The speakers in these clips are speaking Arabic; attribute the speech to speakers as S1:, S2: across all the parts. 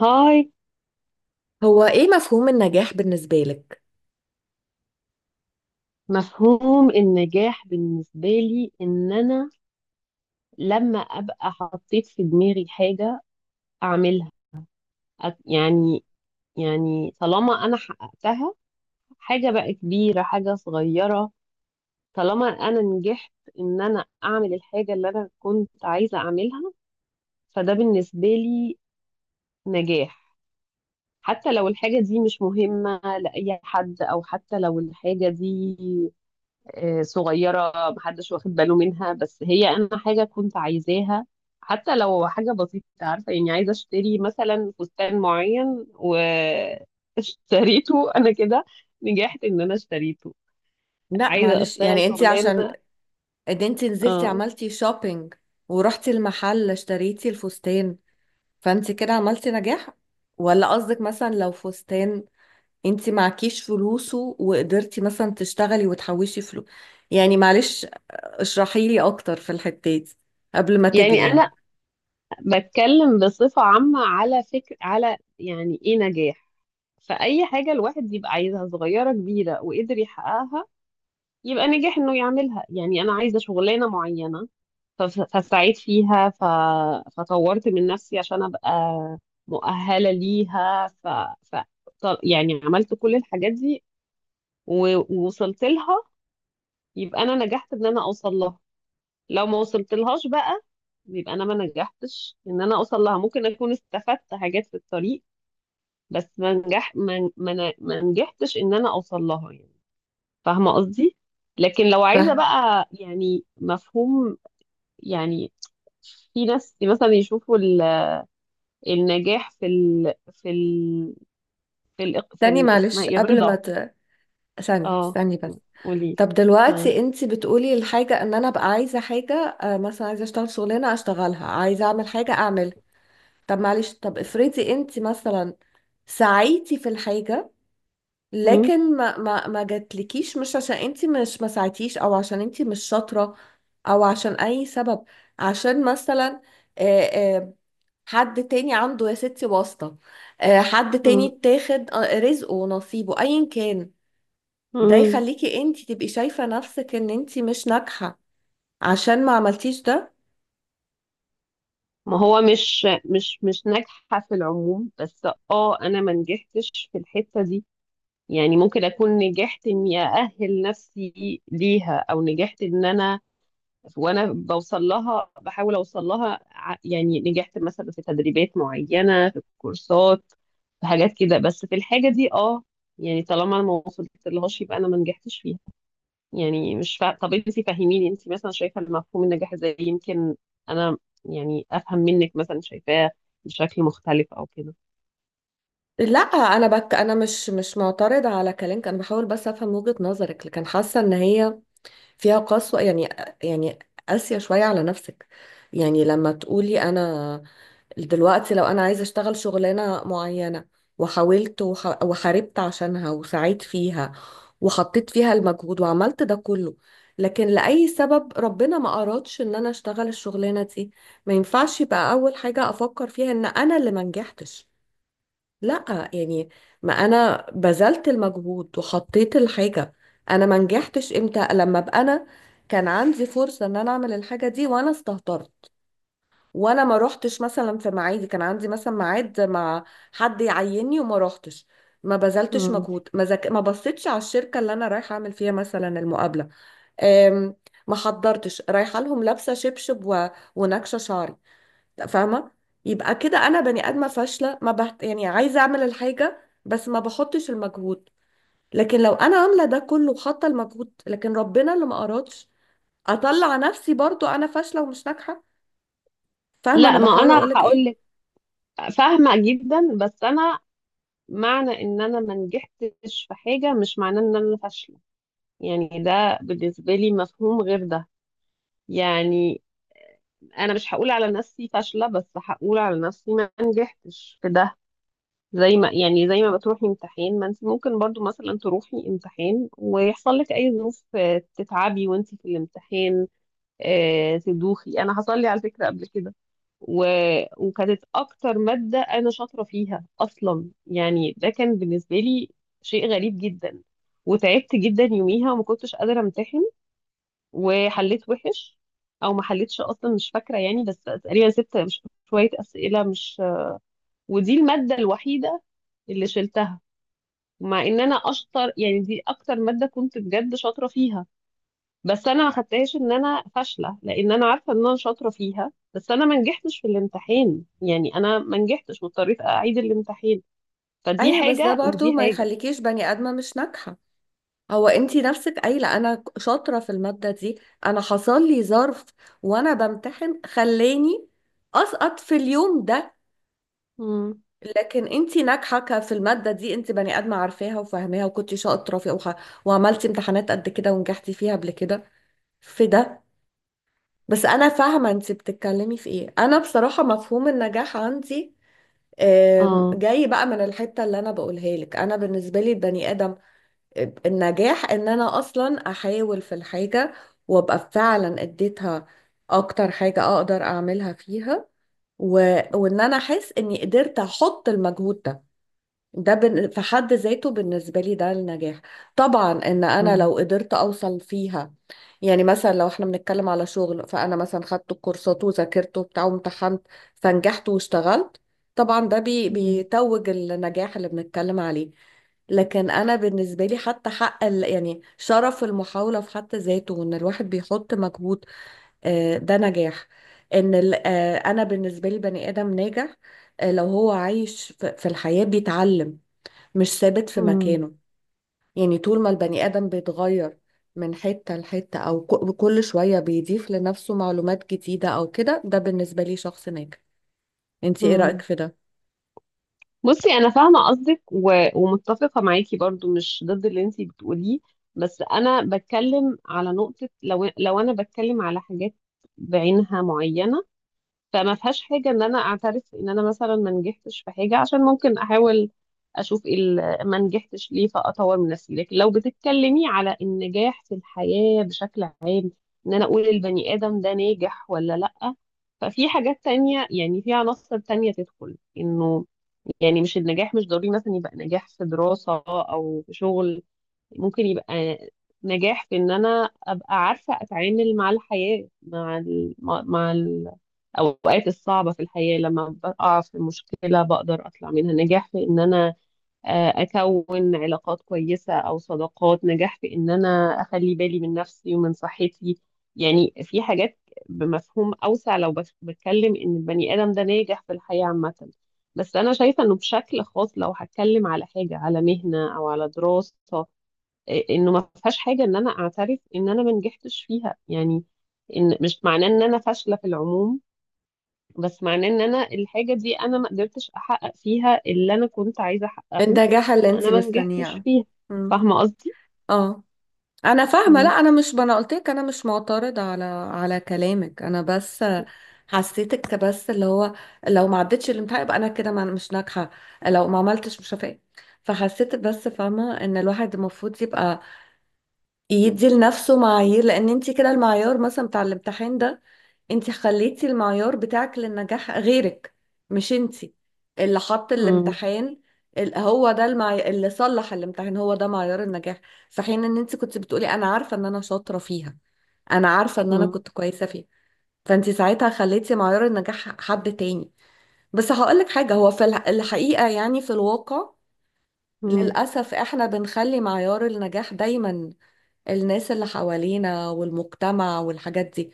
S1: هاي.
S2: هو ايه مفهوم النجاح بالنسبة لك؟
S1: مفهوم النجاح بالنسبة لي إن أنا لما أبقى حطيت في دماغي حاجة أعملها، أت- يعني يعني طالما أنا حققتها، حاجة بقى كبيرة، حاجة صغيرة، طالما أنا نجحت إن أنا أعمل الحاجة اللي أنا كنت عايزة أعملها، فده بالنسبة لي نجاح. حتى لو الحاجة دي مش مهمة لأي حد، أو حتى لو الحاجة دي آه، صغيرة، محدش واخد باله منها، بس هي أنا حاجة كنت عايزاها. حتى لو حاجة بسيطة، عارفة يعني عايزة أشتري مثلا فستان معين واشتريته أنا كده نجحت إن أنا اشتريته.
S2: لا
S1: عايزة
S2: معلش
S1: أشتغل
S2: يعني انت عشان
S1: شغلانة.
S2: ده انت نزلتي
S1: اه،
S2: عملتي شوبينج ورحتي المحل اشتريتي الفستان، فانت كده عملتي نجاح؟ ولا قصدك مثلا لو فستان انت معكيش فلوسه وقدرتي مثلا تشتغلي وتحوشي فلوس؟ يعني معلش اشرحي لي اكتر في الحتة دي قبل ما
S1: يعني
S2: تجري يعني.
S1: أنا بتكلم بصفة عامة، على فكر، على يعني إيه نجاح. فأي حاجة الواحد يبقى عايزها، صغيرة كبيرة، وقدر يحققها يبقى نجح انه يعملها. يعني انا عايزه شغلانه معينه، فاستعيد فيها، فطورت من نفسي عشان ابقى مؤهله ليها، ف... يعني عملت كل الحاجات دي و... ووصلت لها. يبقى انا نجحت ان انا اوصل لها. لو ما وصلت لهاش بقى، يبقى انا ما نجحتش ان انا اوصل لها. ممكن اكون استفدت حاجات في الطريق، بس ما نجحتش ان انا اوصل لها، يعني. فاهمة قصدي؟ لكن لو عايزة
S2: فاهم.
S1: بقى يعني مفهوم، يعني في ناس مثلا يشوفوا النجاح في ال في ال في ال في
S2: تاني
S1: ال اسمها
S2: معلش
S1: ايه،
S2: قبل ما
S1: الرضا.
S2: ت... ثانية
S1: اه،
S2: استني بس.
S1: قولي.
S2: طب دلوقتي انت بتقولي الحاجة ان انا ابقى عايزة حاجة، مثلا عايزة اشتغل شغلانة اشتغلها، عايزة اعمل حاجة اعملها. طب معلش طب افرضي انت مثلا سعيتي في الحاجة
S1: مم،
S2: لكن ما جاتلكيش، مش عشان انت مش ما سعيتيش او عشان انت مش شاطرة او عشان اي سبب، عشان مثلا، آه، آه، حد تاني عنده يا ستي واسطة، حد تاني
S1: مم،
S2: اتاخد، رزقه ونصيبه ايا كان. ده
S1: مم.
S2: يخليكي انت تبقي شايفة نفسك ان انت مش ناجحة عشان ما عملتيش ده؟
S1: ما هو مش ناجحة في العموم، بس اه، انا ما نجحتش في الحتة دي. يعني ممكن اكون نجحت اني اأهل نفسي ليها، او نجحت ان انا وانا بوصل لها بحاول اوصل لها، يعني نجحت مثلا في تدريبات معينه، في كورسات، في حاجات كده، بس في الحاجه دي، اه، يعني طالما انا ما وصلت لهاش يبقى انا ما نجحتش فيها. يعني مش فا... طب انت فهميني، انت مثلا شايفه المفهوم النجاح ازاي؟ يمكن انا يعني افهم منك، مثلا شايفاه بشكل مختلف او كده.
S2: لا انا انا مش معترضه على كلامك، انا بحاول بس افهم وجهه نظرك، لكن حاسه ان هي فيها قسوه يعني. يعني قاسيه شويه على نفسك. يعني لما تقولي انا دلوقتي لو انا عايزه اشتغل شغلانه معينه وحاولت وحاربت عشانها وسعيت فيها وحطيت فيها المجهود وعملت ده كله، لكن لأي سبب ربنا ما أرادش إن أنا أشتغل الشغلانة دي، ما ينفعش يبقى أول حاجة أفكر فيها إن أنا اللي ما نجحتش. لا يعني، ما انا بذلت المجهود وحطيت الحاجة. انا ما نجحتش امتى؟ لما ابقى انا كان عندي فرصة ان انا اعمل الحاجة دي وانا استهترت، وانا ما روحتش مثلا في ميعادي، كان عندي مثلا ميعاد مع حد يعيني وما روحتش، ما بذلتش
S1: مم.
S2: مجهود، ما بصيتش على الشركة اللي انا رايحة اعمل فيها مثلا المقابلة، أم... ما حضرتش رايحة لهم لابسة شبشب ونكشة شعري. فاهمه؟ يبقى كده انا بني ادمه فاشله، ما بحت... يعني عايزه اعمل الحاجه بس ما بحطش المجهود. لكن لو انا عامله ده كله وحاطه المجهود لكن ربنا اللي ما ارادش، اطلع نفسي برضو انا فاشله ومش ناجحه؟ فاهمه
S1: لا،
S2: انا
S1: ما
S2: بحاول
S1: انا
S2: اقولك
S1: هقول
S2: ايه؟
S1: لك، فاهمه جدا، بس انا معنى ان انا ما نجحتش في حاجه مش معناه ان انا فاشله. يعني ده بالنسبة لي مفهوم غير ده. يعني أنا مش هقول على نفسي فاشلة، بس هقول على نفسي ما نجحتش في ده. زي ما بتروحي امتحان، ما انت ممكن برضو مثلا تروحي امتحان ويحصل لك أي ظروف، آه، تتعبي وانت في الامتحان، آه، تدوخي. أنا حصل لي على فكرة قبل كده، و... وكانت أكتر مادة أنا شاطرة فيها أصلا، يعني ده كان بالنسبة لي شيء غريب جدا. وتعبت جدا يوميها وما كنتش قادرة أمتحن، وحليت وحش، او ما حليتش اصلا، مش فاكره، يعني بس تقريبا سبت، مش شويه اسئله، مش ودي الماده الوحيده اللي شلتها، مع ان انا اشطر، يعني دي اكتر ماده كنت بجد شاطره فيها. بس انا ما خدتهاش ان انا فاشله، لان انا عارفه ان انا شاطره فيها، بس انا ما نجحتش في الامتحان، يعني انا ما نجحتش واضطريت اعيد الامتحان. فدي
S2: ايوه بس ده
S1: حاجه
S2: برضو
S1: ودي
S2: ما
S1: حاجه.
S2: يخليكيش بني ادمه مش ناجحه. هو انتي نفسك قايله انا شاطره في الماده دي، انا حصل لي ظرف وانا بمتحن خلاني اسقط في اليوم ده.
S1: امم،
S2: لكن انت ناجحه في الماده دي، انت بني ادمه عارفاها وفاهماها وكنت شاطره فيها، وعملتي امتحانات قد كده ونجحتي فيها قبل كده في ده. بس انا فاهمه انت بتتكلمي في ايه. انا بصراحه مفهوم النجاح عندي،
S1: اه،
S2: جاي بقى من الحته اللي انا بقولها لك. انا بالنسبه لي البني ادم، النجاح ان انا اصلا احاول في الحاجه وابقى فعلا اديتها اكتر حاجه اقدر اعملها فيها، و... وان انا احس اني قدرت احط المجهود ده. في حد ذاته بالنسبة لي ده النجاح. طبعا ان انا
S1: اه،
S2: لو قدرت اوصل فيها، يعني مثلا لو احنا بنتكلم على شغل، فانا مثلا خدت الكورسات وذاكرت وبتاع وامتحنت فنجحت واشتغلت، طبعا ده
S1: امم،
S2: بيتوج النجاح اللي بنتكلم عليه. لكن انا بالنسبة لي حتى حق يعني شرف المحاولة في حد ذاته، وان الواحد بيحط مجهود، ده نجاح. ان انا بالنسبة لي بني ادم ناجح لو هو عايش في الحياة بيتعلم، مش ثابت في مكانه. يعني طول ما البني آدم بيتغير من حتة لحتة، أو كل شوية بيضيف لنفسه معلومات جديدة أو كده، ده بالنسبة لي شخص ناجح. انت ايه رأيك
S1: امم.
S2: في ده؟
S1: بصي، انا فاهمه قصدك ومتفقه معاكي برضو، مش ضد اللي انتي بتقوليه. بس انا بتكلم على نقطه، لو انا بتكلم على حاجات بعينها معينه، فما فيهاش حاجه ان انا اعترف ان انا مثلا ما نجحتش في حاجه، عشان ممكن احاول اشوف إيه ما نجحتش ليه، فاطور من نفسي. لكن لو بتتكلمي على النجاح في الحياه بشكل عام، ان انا اقول البني ادم ده ناجح ولا لا، ففي حاجات تانية، يعني في عناصر تانية تدخل انه، يعني مش النجاح مش ضروري مثلا يبقى نجاح في دراسة أو في شغل. ممكن يبقى نجاح في إن أنا أبقى عارفة أتعامل مع الحياة، مع ال... مع مع الأوقات الصعبة في الحياة، لما بقع في مشكلة بقدر أطلع منها. نجاح في إن أنا آه، اكون علاقات كويسه او صداقات. نجاح في ان انا اخلي بالي من نفسي ومن صحتي. يعني في حاجات بمفهوم اوسع، لو بتكلم ان البني ادم ده ناجح في الحياه عامه. بس انا شايفه انه بشكل خاص، لو هتكلم على حاجه، على مهنه او على دراسه، آه، انه ما فيهاش حاجه ان انا اعترف ان انا ما نجحتش فيها. يعني ان مش معناه ان انا فاشله في العموم، بس معناه ان انا الحاجه دي انا ما قدرتش احقق فيها اللي انا كنت عايزه احققه.
S2: النجاح اللي انت
S1: انا ما نجحتش
S2: مستنياه.
S1: فيها.
S2: مم.
S1: فاهمه قصدي؟
S2: اه، انا فاهمة. لا
S1: مم.
S2: انا مش، ما انا قلت لك انا مش معترضة على على كلامك، انا بس حسيتك بس اللي هو لو ما عدتش الامتحان يبقى انا كده مش ناجحة، لو ما عملتش مش هفاق. فحسيت بس فاهمة ان الواحد المفروض يبقى يدي لنفسه معايير، لان انت كده المعيار مثلا بتاع الامتحان ده، انت خليتي المعيار بتاعك للنجاح غيرك، مش انت اللي حط
S1: مم.
S2: الامتحان. هو ده اللي صلح الامتحان هو ده معيار النجاح، في حين ان انت كنت بتقولي انا عارفه ان انا شاطره فيها، انا عارفه ان انا
S1: مم.
S2: كنت كويسه فيها. فانت ساعتها خليتي معيار النجاح حد تاني. بس هقولك حاجه، هو في الحقيقه يعني في الواقع
S1: مم.
S2: للاسف احنا بنخلي معيار النجاح دايما الناس اللي حوالينا والمجتمع والحاجات دي.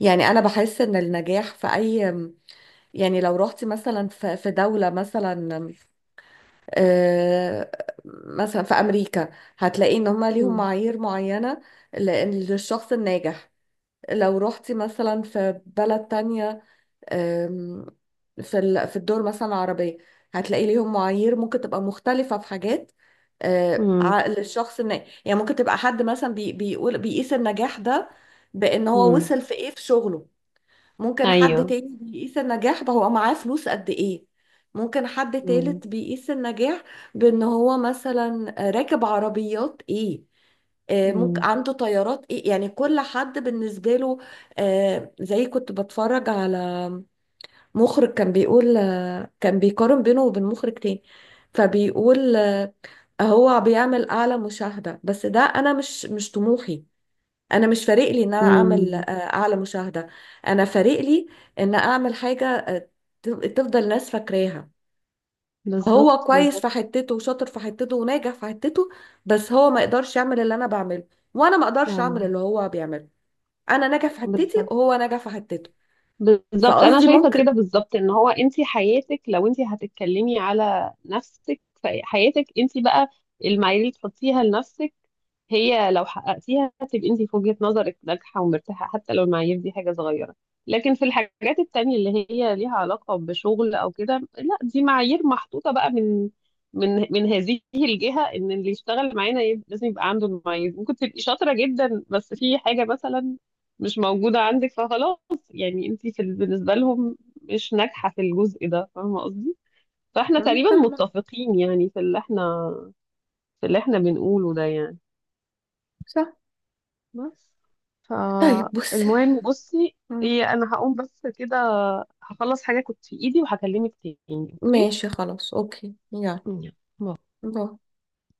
S2: يعني انا بحس ان النجاح في اي، يعني لو رحتي مثلا في دولة مثلا، آه، مثلا في امريكا، هتلاقي ان هما ليهم
S1: مم.
S2: معايير معينة لأن- للشخص الناجح. لو رحتي مثلا في بلد تانية، آم، في في الدول مثلا العربية، هتلاقي ليهم معايير ممكن تبقى مختلفة في حاجات،
S1: مم.
S2: عقل الشخص يعني ممكن تبقى حد مثلا بيقول بيقيس النجاح ده بأن هو
S1: مم.
S2: وصل في ايه في شغله. ممكن حد
S1: ايوه.
S2: تاني بيقيس النجاح بهو معاه فلوس قد ايه. ممكن حد
S1: مم.
S2: تالت بيقيس النجاح بأن هو مثلا راكب عربيات ايه، ممكن
S1: مم.
S2: عنده طيارات ايه. يعني كل حد بالنسبة له، زي كنت بتفرج على مخرج كان بيقول، كان بيقارن بينه وبين مخرج تاني، فبيقول هو بيعمل اعلى مشاهدة، بس ده انا مش طموحي. انا مش فارق لي ان انا اعمل
S1: مم.
S2: اعلى مشاهدة، انا فارق لي ان اعمل حاجة، تفضل الناس فاكراها. هو
S1: بالظبط،
S2: كويس
S1: بالظبط.
S2: في حتته وشاطر في حتته وناجح في حتته، بس هو ما يقدرش يعمل اللي انا بعمله وانا ما اقدرش اعمل
S1: آه.
S2: اللي هو بيعمله. انا ناجح في حتتي
S1: بالظبط،
S2: وهو ناجح في حتته.
S1: بالظبط. انا
S2: فقصدي
S1: شايفه كده
S2: ممكن.
S1: بالظبط، ان هو انت حياتك، لو انت هتتكلمي على نفسك فحياتك انت بقى، المعايير اللي تحطيها لنفسك، هي لو حققتيها هتبقي انت في وجهه نظرك ناجحه ومرتاحه، حتى لو المعايير دي حاجه صغيره. لكن في الحاجات التانية اللي هي ليها علاقه بشغل او كده، لا، دي معايير محطوطه بقى من هذه الجهه، ان اللي يشتغل معانا لازم يبقى عنده المعايير. ممكن تبقي شاطره جدا، بس في حاجه مثلا مش موجودة عندك، فخلاص، يعني انت في بالنسبة لهم مش ناجحة في الجزء ده. فاهمة قصدي؟ فاحنا
S2: مم،
S1: تقريبا
S2: فاهمة.
S1: متفقين، يعني في اللي احنا بنقوله ده، يعني
S2: صح.
S1: بس.
S2: طيب بص.
S1: فالمهم بصي،
S2: مم.
S1: ايه، انا هقوم بس كده، هخلص حاجة كنت في ايدي وهكلمك تاني، اوكي؟
S2: ماشي خلاص، اوكي، يلا،
S1: يلا، باي.
S2: باي.